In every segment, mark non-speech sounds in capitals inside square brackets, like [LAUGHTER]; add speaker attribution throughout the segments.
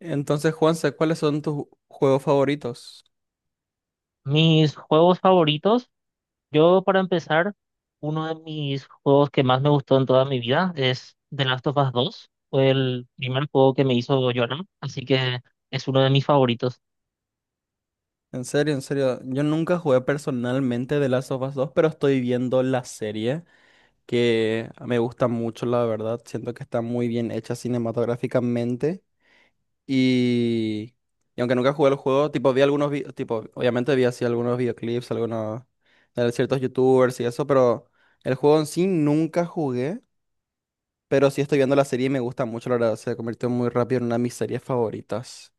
Speaker 1: Entonces, Juanse, ¿cuáles son tus juegos favoritos?
Speaker 2: Mis juegos favoritos, yo para empezar, uno de mis juegos que más me gustó en toda mi vida es The Last of Us dos. Fue el primer juego que me hizo llorar, así que es uno de mis favoritos.
Speaker 1: En serio, yo nunca jugué personalmente de Last of Us 2, pero estoy viendo la serie que me gusta mucho, la verdad. Siento que está muy bien hecha cinematográficamente y, y aunque nunca jugué el juego, tipo tipo obviamente vi así algunos videoclips, algunos de ciertos YouTubers y eso, pero el juego en sí nunca jugué, pero sí estoy viendo la serie y me gusta mucho, la verdad. Se convirtió muy rápido en una de mis series favoritas.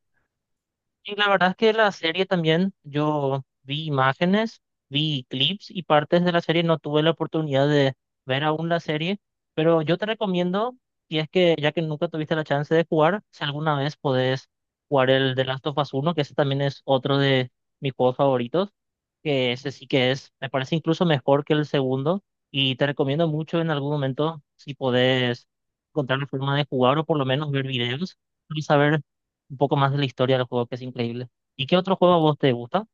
Speaker 2: Y la verdad es que la serie también, yo vi imágenes, vi clips y partes de la serie, no tuve la oportunidad de ver aún la serie, pero yo te recomiendo, si es que ya que nunca tuviste la chance de jugar, si alguna vez podés jugar el The Last of Us uno, que ese también es otro de mis juegos favoritos, que ese sí que es, me parece incluso mejor que el segundo, y te recomiendo mucho en algún momento si podés encontrar la forma de jugar o por lo menos ver videos y saber un poco más de la historia del juego, que es increíble. ¿Y qué otro juego a vos te gusta?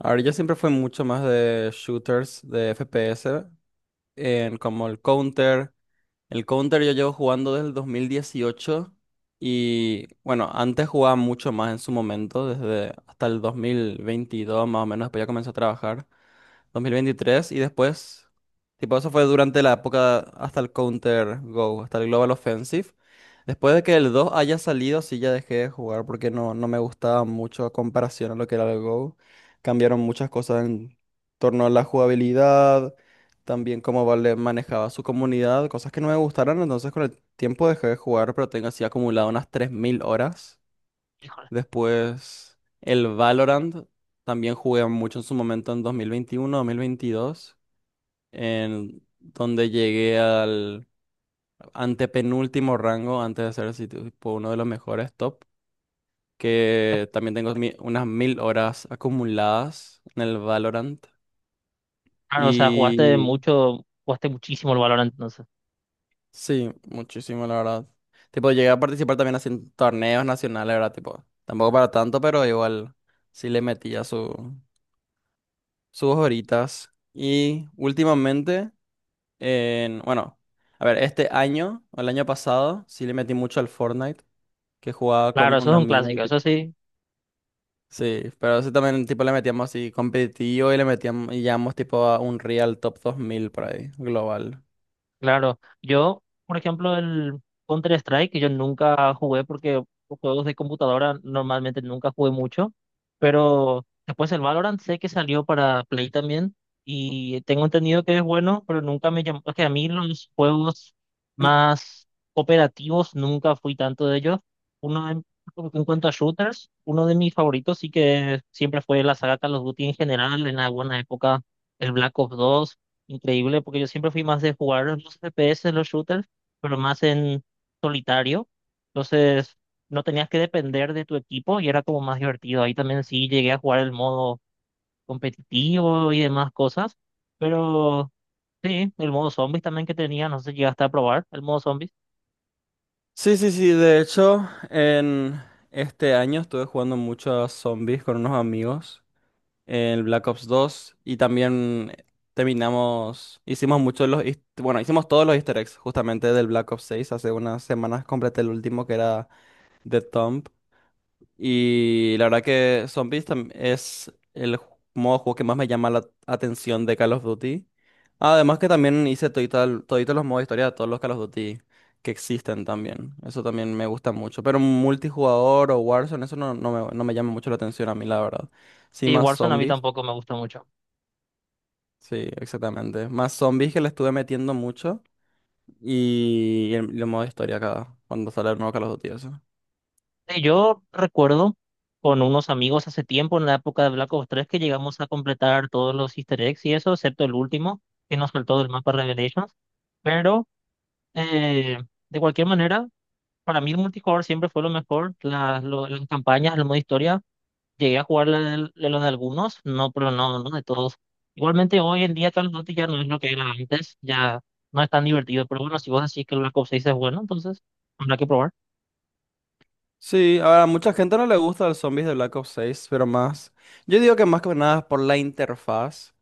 Speaker 1: A ver, yo siempre fui mucho más de shooters, de FPS, en como el Counter. El Counter yo llevo jugando desde el 2018 y bueno, antes jugaba mucho más en su momento, desde hasta el 2022 más o menos, después ya comencé a trabajar 2023 y después, tipo, eso fue durante la época hasta el Counter Go, hasta el Global Offensive. Después de que el 2 haya salido, sí ya dejé de jugar porque no me gustaba mucho a comparación a lo que era el Go. Cambiaron muchas cosas en torno a la jugabilidad, también cómo Valve manejaba su comunidad, cosas que no me gustaron, entonces con el tiempo dejé de jugar, pero tengo así acumulado unas 3000 horas.
Speaker 2: Híjole.
Speaker 1: Después, el Valorant también jugué mucho en su momento en 2021 2022 en donde llegué al antepenúltimo rango antes de ser así tipo uno de los mejores top,
Speaker 2: Pues,
Speaker 1: que también tengo unas 1000 horas acumuladas en el Valorant.
Speaker 2: claro, o sea, jugaste
Speaker 1: Y
Speaker 2: mucho, jugaste muchísimo el Valorant, entonces.
Speaker 1: sí, muchísimo, la verdad. Tipo, llegué a participar también así en torneos nacionales, ¿verdad? Tipo, tampoco para tanto, pero igual sí le metía su. Sus horitas. Y últimamente, bueno, a ver, este año, o el año pasado, sí le metí mucho al Fortnite, que jugaba
Speaker 2: Claro,
Speaker 1: con
Speaker 2: eso
Speaker 1: un
Speaker 2: es un
Speaker 1: amigo y
Speaker 2: clásico, eso
Speaker 1: tipo...
Speaker 2: sí.
Speaker 1: Sí, pero sí también tipo le metíamos así competitivo y le metíamos y llegamos tipo a un Real Top 2000 por ahí, global.
Speaker 2: Claro, yo, por ejemplo, el Counter-Strike, yo nunca jugué porque los juegos de computadora normalmente nunca jugué mucho, pero después el Valorant sé que salió para Play también y tengo entendido que es bueno, pero nunca me llamó, es que a mí los juegos más cooperativos nunca fui tanto de ellos. Uno de- en cuanto a shooters, uno de mis favoritos sí que siempre fue la saga Call of Duty en general, en alguna época el Black Ops 2. Increíble, porque yo siempre fui más de jugar los FPS, los shooters, pero más en solitario. Entonces, no tenías que depender de tu equipo y era como más divertido. Ahí también sí llegué a jugar el modo competitivo y demás cosas. Pero sí, el modo zombies también que tenía, no sé si llegaste a probar el modo zombies.
Speaker 1: Sí, sí, sí, de hecho, en este año estuve jugando mucho a zombies con unos amigos. El Black Ops 2 y también terminamos, hicimos muchos de los, bueno, hicimos todos los easter eggs justamente del Black Ops 6. Hace unas semanas completé el último que era The Tomb. Y la verdad que Zombies es el modo de juego que más me llama la atención de Call of Duty. Además que también hice toditos los modos de historia de todos los Call of Duty que existen también. Eso también me gusta mucho. Pero multijugador o Warzone, eso no, no me llama mucho la atención a mí, la verdad. Sí,
Speaker 2: Y
Speaker 1: más
Speaker 2: Warzone a mí
Speaker 1: zombies.
Speaker 2: tampoco me gusta mucho.
Speaker 1: Sí, exactamente. Más zombies que le estuve metiendo mucho y el modo historia acá, cuando sale el nuevo Call of Duty, eso.
Speaker 2: Sí, yo recuerdo con unos amigos hace tiempo, en la época de Black Ops 3, que llegamos a completar todos los Easter eggs y eso, excepto el último, que nos faltó del mapa Revelations. Pero eh, de cualquier manera, para mí el multijugador siempre fue lo mejor. Las campañas, el modo historia, llegué a jugar la de los de algunos, no, pero no, no de todos. Igualmente hoy en día Call of Duty ya no es lo que era antes, ya no es tan divertido. Pero bueno, si vos decís que el Black Ops 6 es bueno, entonces habrá que probar.
Speaker 1: Sí, ahora a mucha gente no le gusta el zombies de Black Ops 6, pero más. Yo digo que más que nada por la interfaz,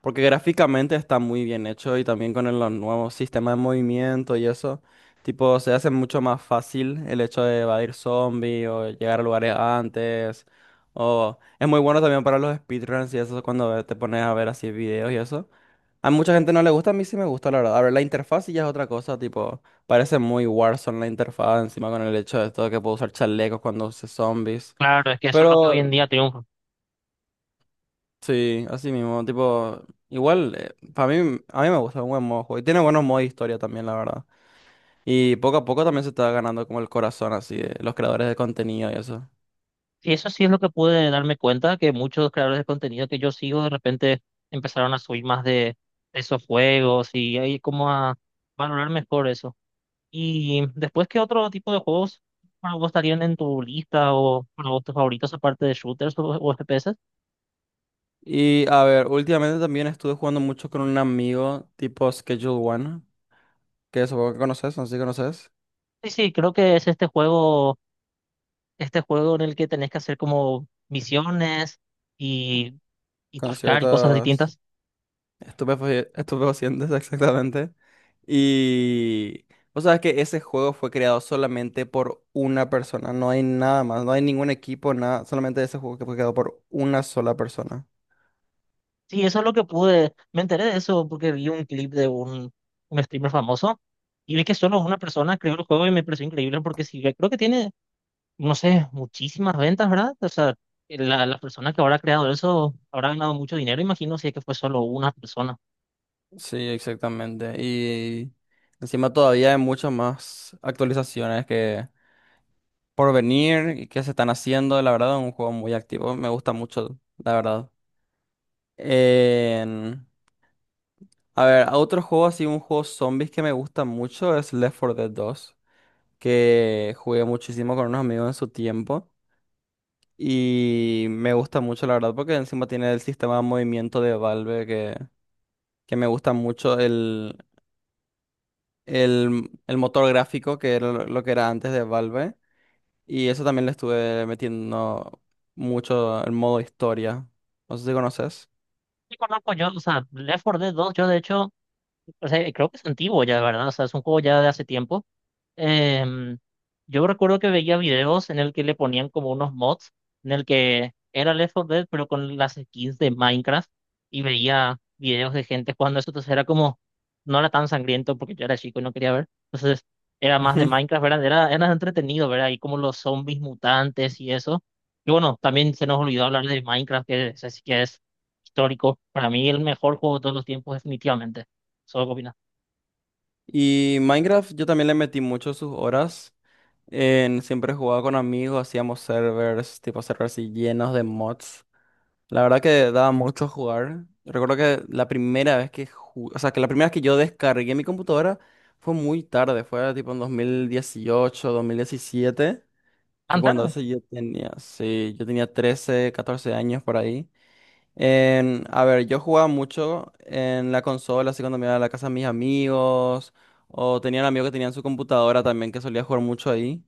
Speaker 1: porque gráficamente está muy bien hecho y también con el nuevo sistema de movimiento y eso. Tipo, se hace mucho más fácil el hecho de evadir zombies o llegar a lugares antes. O es muy bueno también para los speedruns y eso cuando te pones a ver así videos y eso. A mucha gente no le gusta, a mí sí me gusta, la verdad. A ver, la interfaz sí ya es otra cosa, tipo, parece muy Warzone la interfaz, encima con el hecho de todo que puedo usar chalecos cuando use zombies.
Speaker 2: Claro, es que eso es lo que
Speaker 1: Pero
Speaker 2: hoy en día triunfa.
Speaker 1: sí, así mismo, tipo, igual, para mí, a mí me gusta, es un buen modo de juego. Y tiene buenos modos de historia también, la verdad. Y poco a poco también se está ganando como el corazón, así, de los creadores de contenido y eso.
Speaker 2: Y eso sí es lo que pude darme cuenta, que muchos creadores de contenido que yo sigo de repente empezaron a subir más de esos juegos y ahí como a valorar mejor eso. Y después, ¿qué otro tipo de juegos para vos estarían en tu lista o para vos tus favoritos aparte de shooters o FPS?
Speaker 1: Y a ver, últimamente también estuve jugando mucho con un amigo tipo Schedule One, que supongo que conoces, no sé si conoces,
Speaker 2: Sí, sí, creo que es este juego en el que tenés que hacer como misiones y, y
Speaker 1: con
Speaker 2: traficar y cosas
Speaker 1: ciertas...
Speaker 2: distintas.
Speaker 1: Estupefacientes, exactamente. Y vos sabés que ese juego fue creado solamente por una persona, no hay nada más, no hay ningún equipo, nada, solamente ese juego que fue creado por una sola persona.
Speaker 2: Sí, eso es lo que pude, me enteré de eso porque vi un clip de un streamer famoso y vi que solo una persona creó el juego y me pareció increíble porque sí, creo que tiene, no sé, muchísimas ventas, ¿verdad? O sea, la persona que habrá creado eso habrá ganado mucho dinero, imagino, si es que fue solo una persona.
Speaker 1: Sí, exactamente. Y encima todavía hay muchas más actualizaciones que por venir y que se están haciendo. La verdad, es un juego muy activo. Me gusta mucho, la verdad. En- A ver, otro juego así, un juego zombies que me gusta mucho es Left 4 Dead 2, que jugué muchísimo con unos amigos en su tiempo y me gusta mucho, la verdad, porque encima tiene el sistema de movimiento de Valve, que me gusta mucho, el motor gráfico que era lo que era antes de Valve, y eso también le estuve metiendo mucho el modo historia. No sé si conoces.
Speaker 2: Sí, conozco. Yo, o sea, Left 4 Dead 2, yo de hecho, o sea, creo que es antiguo ya, ¿verdad? O sea, es un juego ya de hace tiempo. Em, yo recuerdo que veía videos en el que le ponían como unos mods, en el que era Left 4 Dead, pero con las skins de Minecraft, y veía videos de gente jugando eso, entonces era como, no era tan sangriento porque yo era chico y no quería ver, entonces era más de
Speaker 1: [LAUGHS]
Speaker 2: Minecraft, ¿verdad? Era, era entretenido, ¿verdad? Y como los zombies mutantes y eso. Y bueno, también se nos olvidó hablar de Minecraft, que es histórico, para mí el mejor juego de todos los tiempos, definitivamente. Solo copinas.
Speaker 1: Y Minecraft yo también le metí mucho sus horas. Siempre jugaba con amigos, hacíamos servers, tipo servers así llenos de mods. La verdad que daba mucho jugar. Recuerdo que la primera vez que o sea, que la primera vez que yo descargué mi computadora fue muy tarde, fue tipo en 2018 2017, que
Speaker 2: Tan
Speaker 1: cuando
Speaker 2: tarde.
Speaker 1: eso yo tenía, sí, yo tenía 13 14 años por ahí. A ver, yo jugaba mucho en la consola, así cuando me iba a la casa de mis amigos, o tenía un amigo que tenía en su computadora también que solía jugar mucho ahí.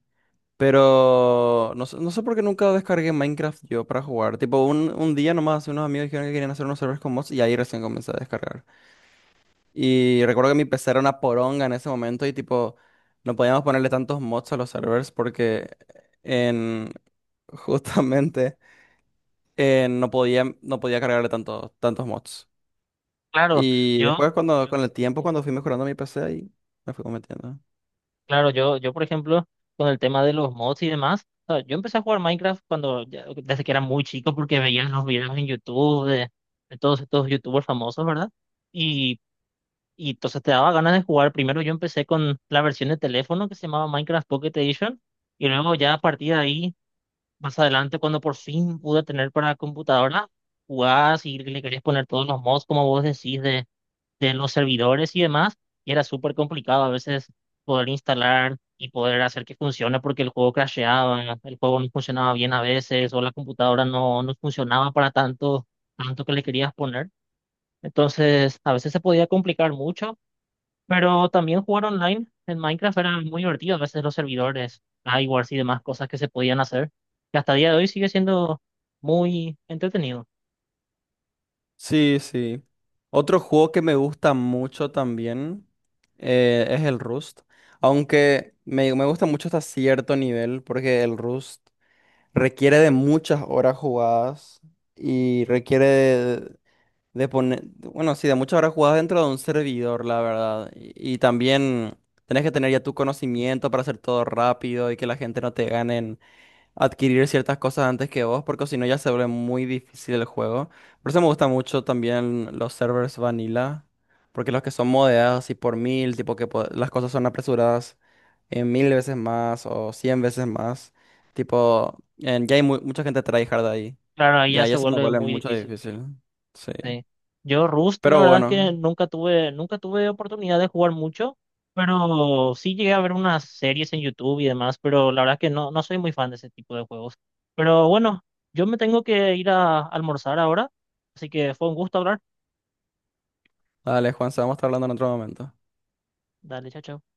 Speaker 1: Pero no, no sé por qué nunca descargué Minecraft yo para jugar. Tipo, un día nomás unos amigos dijeron que querían hacer unos servers con mods y ahí recién comencé a descargar. Y recuerdo que mi PC era una poronga en ese momento y tipo, no podíamos ponerle tantos mods a los servers porque en [LAUGHS] justamente no podía cargarle tantos mods.
Speaker 2: Claro,
Speaker 1: Y
Speaker 2: yo,
Speaker 1: después cuando, con el tiempo, cuando fui mejorando mi PC, ahí me fui cometiendo.
Speaker 2: claro, yo, por ejemplo, con el tema de los mods y demás, o sea, yo empecé a jugar Minecraft cuando, ya- desde que era muy chico, porque veía los videos en YouTube de todos estos YouTubers famosos, ¿verdad? Y, y entonces te daba ganas de jugar. Primero yo empecé con la versión de teléfono que se llamaba Minecraft Pocket Edition, y luego ya a partir de ahí, más adelante, cuando por fin pude tener para computadora, jugás y le querías poner todos los mods, como vos decís, de los servidores y demás, y era súper complicado a veces poder instalar y poder hacer que funcione porque el juego crasheaba, el juego no funcionaba bien a veces, o la computadora no, no funcionaba para tanto, tanto que le querías poner. Entonces, a veces se podía complicar mucho, pero también jugar online en Minecraft era muy divertido, a veces los servidores, wars y demás cosas que se podían hacer, que hasta el día de hoy sigue siendo muy entretenido.
Speaker 1: Sí, sí. Otro juego que me gusta mucho también, es el Rust. Aunque me gusta mucho hasta cierto nivel, porque el Rust requiere de muchas horas jugadas y requiere de poner, bueno, sí, de muchas horas jugadas dentro de un servidor, la verdad. Y también tenés que tener ya tu conocimiento para hacer todo rápido y que la gente no te gane adquirir ciertas cosas antes que vos, porque si no ya se vuelve muy difícil el juego. Por eso me gusta mucho también los servers vanilla, porque los que son modeados y por mil, tipo que las cosas son apresuradas en 1000 veces más o 100 veces más, tipo, ya hay mucha gente tryhard ahí,
Speaker 2: Claro, ahí
Speaker 1: y
Speaker 2: ya se
Speaker 1: ahí se me
Speaker 2: vuelve
Speaker 1: vuelve
Speaker 2: muy
Speaker 1: mucho
Speaker 2: difícil.
Speaker 1: difícil, sí.
Speaker 2: Sí. Yo Rust, la
Speaker 1: Pero
Speaker 2: verdad es que
Speaker 1: bueno,
Speaker 2: nunca tuve, nunca tuve oportunidad de jugar mucho, pero sí llegué a ver unas series en YouTube y demás, pero la verdad es que no, no soy muy fan de ese tipo de juegos. Pero bueno, yo me tengo que ir a almorzar ahora, así que fue un gusto hablar.
Speaker 1: dale Juan, se vamos a estar hablando en otro momento.
Speaker 2: Dale, chao, chao.